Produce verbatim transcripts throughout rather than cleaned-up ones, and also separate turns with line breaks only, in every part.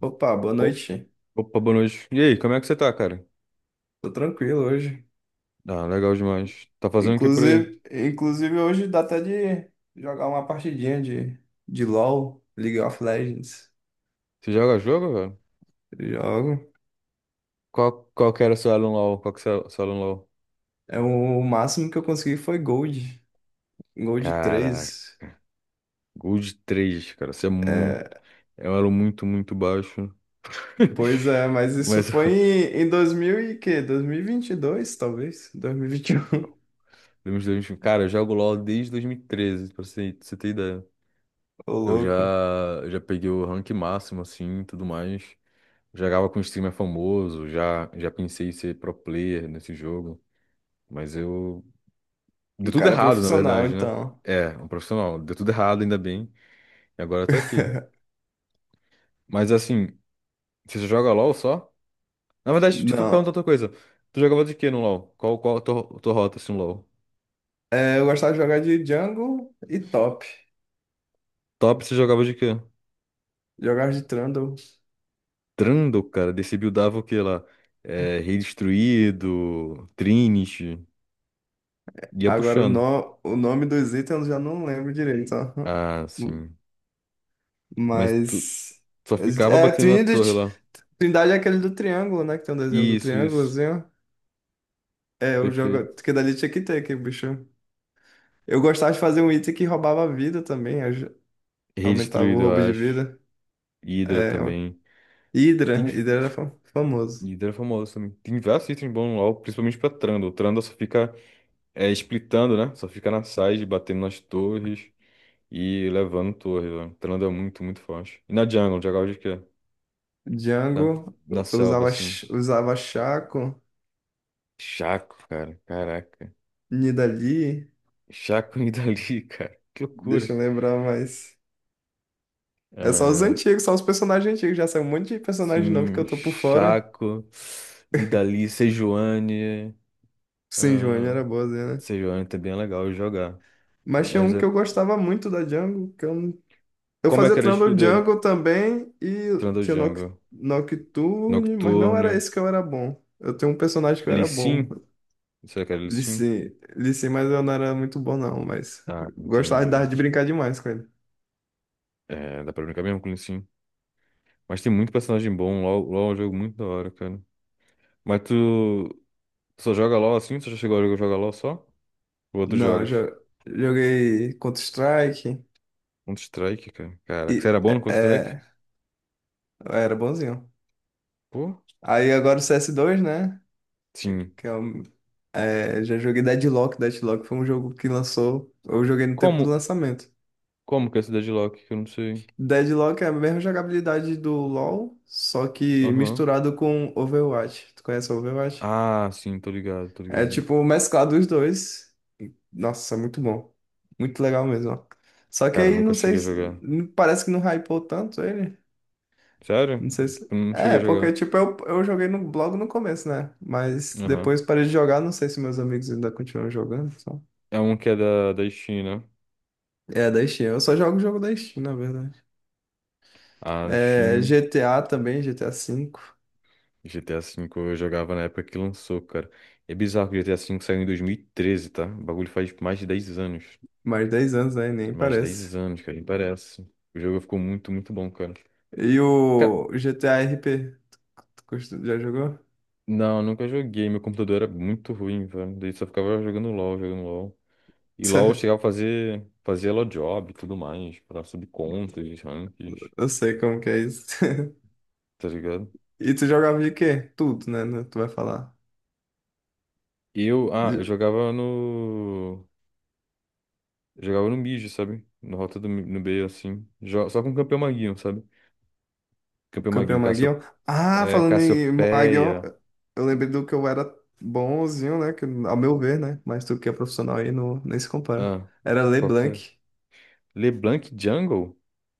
Opa, boa
O-
noite.
Opa, boa noite. E aí, como é que você tá, cara?
Tô tranquilo hoje.
Ah, legal demais. Tá fazendo o que por aí?
Inclusive, inclusive hoje dá até de jogar uma partidinha de, de LoL, League of Legends.
Você joga jogo, velho?
Eu jogo.
Qual, qual que era o seu Alan LoL? Qual que é o seu Alan LoL?
É, o máximo que eu consegui foi Gold, Gold
Caraca,
três
Gold 3, cara. Você é muito... É um elo muito, muito baixo.
Pois é, mas isso
Mas,
foi
eu-
em, em dois mil e quê? Dois mil e vinte e dois, talvez? dois mil e vinte e um.
dos dois- mil e vinte e um, cara, eu jogo LoL desde dois mil e treze, pra você, pra você ter ideia.
Ô,
Eu já,
louco.
eu já peguei o rank máximo, assim, e tudo mais. Jogava com um streamer famoso, já, já pensei em ser pro player nesse jogo. Mas eu Deu
O
tudo
cara é
errado, na
profissional,
verdade, né?
então.
É, um profissional. Deu tudo errado, ainda bem. E agora eu tô aqui. Mas assim, você só joga LOL só? Na verdade, tipo, perguntar
Não.
outra coisa. Tu jogava de quê no LOL? Qual, qual a tua, tua rota, assim, no LOL?
É, eu gostava de jogar de jungle e top.
Top, você jogava de quê?
Jogar de Trundle.
Trundle, cara. Desse buildava o quê lá? É, Rei Destruído, Trinity. Ia
Agora o,
puxando.
no... o nome dos itens eu já não lembro direito, ó.
Ah, sim. Mas tu
Mas.
só ficava
É,
batendo na torre
Trinity.
lá.
Trindade é aquele do triângulo, né? Que tem um desenho do
Isso, isso.
triângulozinho. É, o
Perfeito.
jogo. Que dali tinha que ter aquele bicho. Eu gostava de fazer um item que roubava a vida também. aj-
Rei
Aumentava o
Destruído,
roubo
eu
de
acho.
vida.
Hydra
É, o-
também.
Hydra.
Tem.
Hydra era fa- famoso.
Líder é famoso também. Tem vários itens bons no LoL, principalmente pra Trundle. Trundle só fica é, splitando, né? Só fica na side, batendo nas torres e levando torres, velho. Trundle é muito, muito forte. E na jungle, jungle de quê? Na,
Django.
na
eu
selva,
Usava,
assim.
ch- usava Chaco.
Chaco, cara. Caraca.
Nidalee.
Chaco e Nidalee, cara. Que loucura.
Deixa eu lembrar mais. É só os
Ah,
antigos, só os personagens antigos. Já saiu um monte de personagem novo que
sim,
eu tô por fora.
Chaco, Nidalee, Sejuani.
Sim, Joane
Ah,
era boazinha, né?
Sejuani também é legal de jogar.
Mas tinha
Mas
um
é...
que eu gostava muito da jungle, que eu, não- eu
como é que
fazia
era a skill
Trundle
dele?
Jungle também e
Trundle
tinha Noc-
Jungle.
Nocturne, mas não era
Nocturne.
esse que eu era bom. Eu tenho um personagem que eu era bom.
Lissin? Será que era
Lee
Lissin?
Sin, Lee Sin, mas eu não era muito bom não, mas
Ah,
eu gostava de
entendi.
dar- de brincar demais com ele.
É, dá pra brincar mesmo com o Lissin. Mas tem muito personagem bom. LOL, LOL é um jogo muito da hora, cara. Mas tu, tu só joga LOL assim? Tu já chegou a jogar jogar LOL só? Ou outros
Não, eu
jogos?
jo- joguei Counter-Strike
Counter-Strike, cara. Caraca,
e
você era bom no
é,
Counter-Strike?
é, eu era bonzinho.
Pô,
Aí agora o C S dois, né?
sim.
que é um- É, já joguei Deadlock. Deadlock foi um jogo que lançou. Eu joguei no tempo
Como?
do lançamento.
Como que é a cidade de Loki? Que eu não sei.
Deadlock é a mesma jogabilidade do LoL, só que
Aham.
misturado com Overwatch. Tu conhece Overwatch?
Ah, sim, tô ligado, tô
É
ligado.
tipo mesclado os dois. E nossa, muito bom. Muito legal mesmo, ó. Só que
Cara,
aí
nunca
não sei
cheguei a
se.
jogar.
Parece que não hypou tanto ele.
Sério?
Não sei se.
Eu não cheguei
É,
a jogar.
porque tipo, eu, eu joguei no blog no começo, né? Mas
Aham.
depois parei de jogar, não sei se meus amigos ainda continuam jogando.
É um que é da, da Steam, né?
É, da Steam. Eu só jogo o jogo da Steam, na verdade.
A
É,
Steam.
G T A também, G T A V.
G T A V eu jogava na época que lançou, cara. É bizarro que o G T A V saiu em dois mil e treze, tá? O bagulho faz mais de dez anos.
Mais dez anos, né? Nem
Mais de
parece.
dez anos, cara, nem parece. O jogo ficou muito, muito bom, cara.
E
Cara,
o G T A R P? Tu costu- já jogou?
não, nunca joguei. Meu computador era muito ruim, velho. Daí só ficava jogando LOL, jogando LOL. E LOL eu chegava a fazer, fazer LOL job e tudo mais, pra subir contas, ranks,
Eu sei como que é isso.
tá ligado?
E tu jogava de quê? Tudo, né? Né, tu vai falar.
Eu, ah, eu
De-
jogava no. Jogava no mid, sabe? Na rota do, mi- no B, assim. Jo- Só com o campeão maguinho, sabe?
o
Campeão
Campeão
Maguinho, Cassio...
Maguion. Ah,
é,
falando em Maguion,
Cassiopeia.
eu lembrei do que eu era bonzinho, né? Que, ao meu ver, né? Mas tu que é profissional aí não, nem se compara.
Ah,
Era
qual que é?
LeBlanc.
LeBlanc Jungle?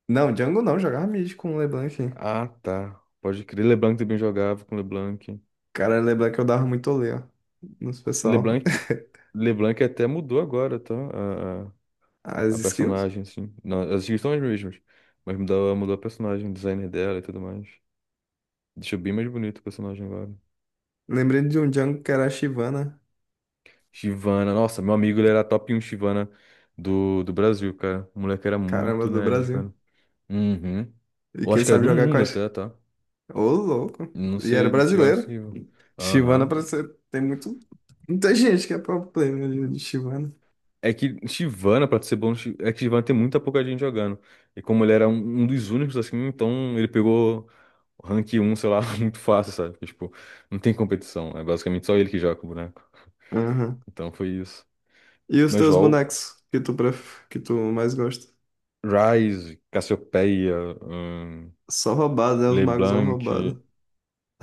Não, Django não, jogava mid com LeBlanc.
Ah, tá. Pode crer. LeBlanc também jogava com LeBlanc.
Cara, lembra que eu dava muito olé, ó, nos pessoal.
LeBlanc, LeBlanc até mudou agora, tá? A, a, a
As skills?
personagem, assim. Não, as skills são as mesmas. Mas mudou, mudou a personagem, o designer dela e tudo mais. Deixou bem mais bonito o personagem agora.
Lembrei de um jungle que era a Shyvana,
Shyvana, nossa, meu amigo, ele era top um Shyvana do, do Brasil, cara. O moleque era
caramba,
muito
do
nerd,
Brasil.
cara. Uhum.
E
Eu
quem
acho que era
sabe
do
jogar com
mundo
a... Sh-
até, tá?
Ô, louco.
Não
E era
sei chegar nesse
brasileiro.
nível.
Shyvana
Aham.
parece ser... tem muito... Muita gente que é pro player de de Shyvana.
É que Chivana, pra ser bom, Chi- é que Chivana tem muita pouca gente jogando. E como ele era um, um dos únicos assim, então ele pegou o rank um sei lá, muito fácil, sabe? Porque, tipo, não tem competição. É basicamente só ele que joga com o boneco.
Aham.
Então foi isso.
E os
Mas
teus
LOL,
bonecos que tu, pref... que tu mais gosta?
Ryze, Cassiopeia, hum,
Só roubado, né? Os magos são
LeBlanc,
roubados.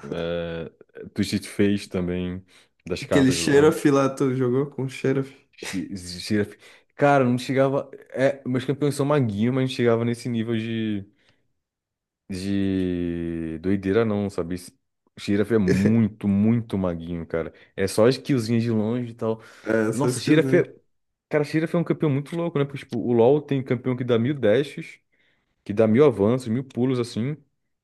é, Twisted Fate também, das
Aquele
cartas lá.
Xerath lá, tu jogou com o Xerath?
Gi- Giraf... Cara, não chegava. É, meus campeões são maguinhos, mas não chegava nesse nível de, de doideira, não, sabe? Esse- Giraf é muito, muito maguinho, cara. É só as killzinhas de longe e tal.
É, só
Nossa, Giraf é.
esquisito.
Cara, Giraf é um campeão muito louco, né? Porque, tipo, o LoL tem campeão que dá mil dashes, que dá mil avanços, mil pulos, assim.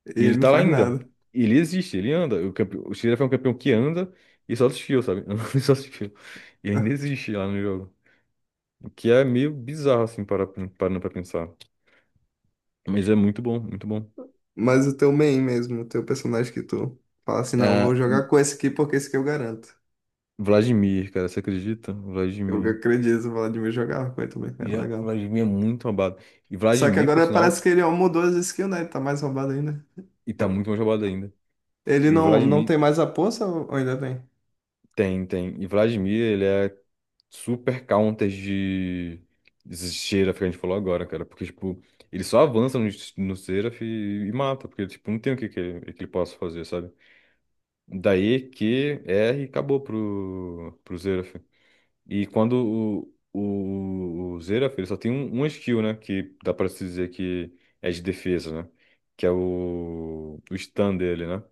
E
E
ele
ele
não
tá lá
faz
ainda.
nada.
E ele existe, ele anda. O, campe... o Giraf é um campeão que anda e só desfio, sabe? Anda e só desfio. E ainda existe lá no jogo. O que é meio bizarro, assim, para, parando pra pensar. Mas é muito bom, muito bom.
Mas o teu main mesmo, o teu personagem que tu fala assim, não, eu
Ah,
vou jogar com esse aqui porque esse aqui eu garanto.
Vladimir, cara, você acredita?
Eu
Vladimir.
acredito, eu de me jogar com ele também, era
Já,
legal.
Vladimir é muito roubado. E
Só que
Vladimir, por
agora parece
sinal,
que ele ó, mudou as skills, né? Ele tá mais roubado ainda.
e tá
Eu-
muito mais roubado ainda.
Ele
E
não, não
Vladimir,
tem mais a poça ou ou ainda tem?
tem, tem. E Vladimir, ele é super counter de, de Seraph, que a gente falou agora, cara. Porque, tipo, ele só avança no, no Seraph e, e mata. Porque, tipo, não tem o que, que, que ele possa fazer, sabe? Daí, Q, R, e acabou pro, pro Seraph. E quando o, o, o Xerath, ele só tem um, um skill, né? Que dá pra se dizer que é de defesa, né? Que é o, o stun dele, né?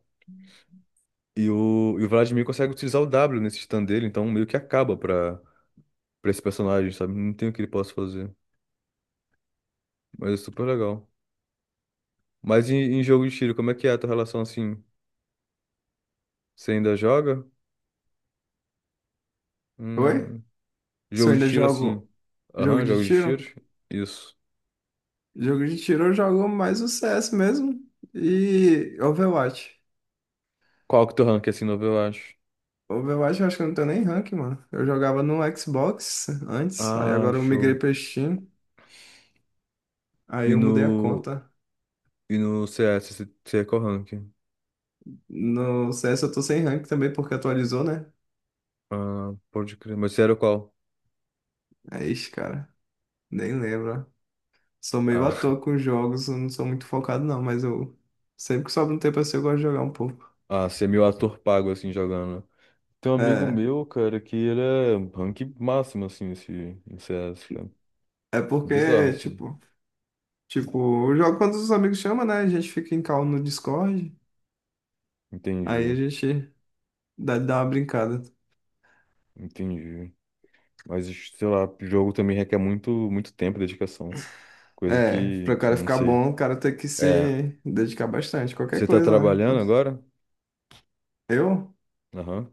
E o, e o Vladimir consegue utilizar o W nesse stun dele, então meio que acaba pra, pra esse personagem, sabe? Não tem o que ele possa fazer. Mas é super legal. Mas em, em jogo de tiro, como é que é a tua relação assim? Você ainda joga?
Oi?
Hum,
Se eu
jogo de
ainda
tiro assim.
jogo
Aham,
jogo de
jogo de tiro?
tiro?
Isso.
Jogo de tiro eu jogo mais o C S mesmo e Overwatch.
Qual que é o teu rank assim, novo, eu acho?
Overwatch eu acho que eu não tenho nem rank, mano. Eu jogava no Xbox antes, aí
Ah,
agora eu migrei
show.
pra Steam, aí
E
eu mudei a
no.
conta.
E no C S, você você é qual rank?
No C S eu tô sem rank também, porque atualizou, né?
Ah, pode crer. Mas você era qual?
É isso, cara. Nem lembro, ó. Sou meio
Ah,
à toa com jogos, eu não sou muito focado, não, mas eu. Sempre que sobra um tempo assim, eu gosto de jogar um pouco.
ah, você é meio ator pago, assim, jogando. Tem um amigo
É.
meu, cara, que ele é rank máximo, assim, esse, em C S, cara.
É
Bizarro,
porque,
assim.
tipo, tipo, eu jogo quando os amigos chamam, né? A gente fica em call no Discord. Aí a
Entendi,
gente dá, dá uma brincada.
entendi. Mas, sei lá, jogo também requer muito, muito tempo e dedicação. Coisa
É,
que,
pra o cara
não
ficar
sei.
bom, o cara tem que
É,
se dedicar bastante. Qualquer
você tá
coisa, né?
trabalhando agora?
Eu
Aham.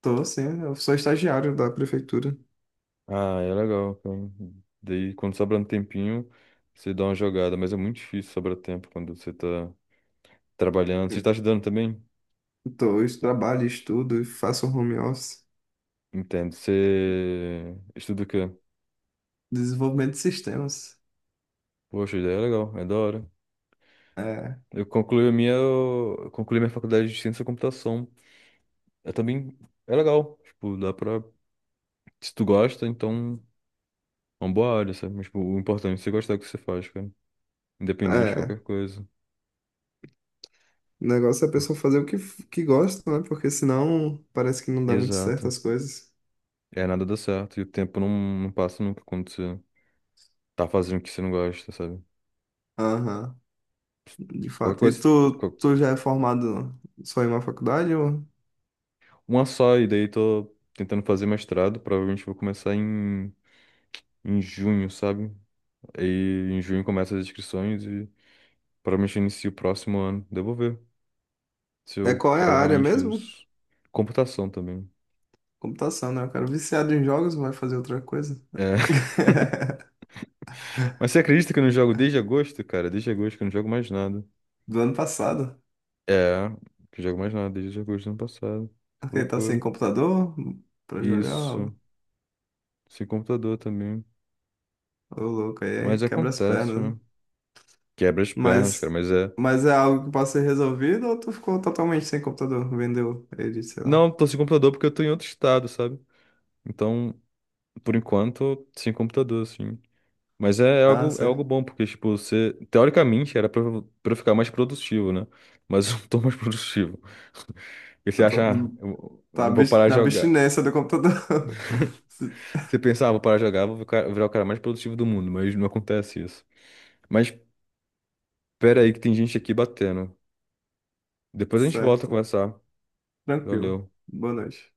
tô, sim, eu sou estagiário da prefeitura.
Ah, é legal, cara. Daí, quando sobra um tempinho, você dá uma jogada. Mas é muito difícil sobrar tempo quando você tá trabalhando. Você está estudando também?
Dois, trabalho, estudo, e faço um home office,
Entendo. Você estuda o quê?
desenvolvimento de sistemas.
Poxa, ideia é legal, é da hora.
É,
Eu concluí a minha, eu concluí minha faculdade de ciência da computação. É também, é legal. Tipo, dá pra, se tu gosta, então é uma boa área, sabe? Mas, tipo, o importante é você gostar do que você faz, cara. Independente de qualquer
é.
coisa.
O negócio é a
Pô,
pessoa fazer o que, que gosta, né? Porque senão parece que não dá muito certo
exato.
as coisas.
É, nada dá certo. E o tempo não, não passa nunca quando você tá fazendo o que você não gosta, sabe?
Aham, de
Qualquer
fato. E
coisa,
tu,
qual-
tu já é formado só em uma faculdade? Ou...
uma só, e daí tô tentando fazer mestrado. Provavelmente vou começar em em junho, sabe? Aí em junho começa as inscrições e provavelmente eu inicio o próximo ano. Devo ver se
É
eu
qual é a
quero
área
realmente
mesmo?
isso. Computação também.
Computação, né? O cara viciado em jogos vai fazer outra coisa.
É. Mas você acredita que eu não jogo desde agosto, cara? Desde agosto que eu não jogo mais nada.
Do ano passado.
É, que eu jogo mais nada desde agosto do ano passado. Que
Ele tá sem
loucura.
computador pra jogar.
Isso. Sem computador também.
Ô, louco, aí é
Mas
quebra as
acontece,
pernas.
né? Quebra as pernas, cara,
Mas,
mas é.
mas é algo que pode ser resolvido ou tu ficou totalmente sem computador? Vendeu ele, sei lá.
Não, tô sem computador porque eu tô em outro estado, sabe? Então, por enquanto, sem computador, assim. Mas é é
Ah,
algo, é algo
certo.
bom, porque, tipo, você, teoricamente, era pra, eu- pra eu ficar mais produtivo, né? Mas eu não tô mais produtivo. E você
Eu
acha, ah,
tô-
eu
Tá
não vou
abs-
parar de
na
jogar.
abstinência do computador.
Você pensava, ah, vou parar de jogar, vou ficar- virar o cara mais produtivo do mundo, mas não acontece isso. Mas pera aí que tem gente aqui batendo. Depois a gente volta a
Certo.
conversar.
Tranquilo.
Valeu.
Boa noite.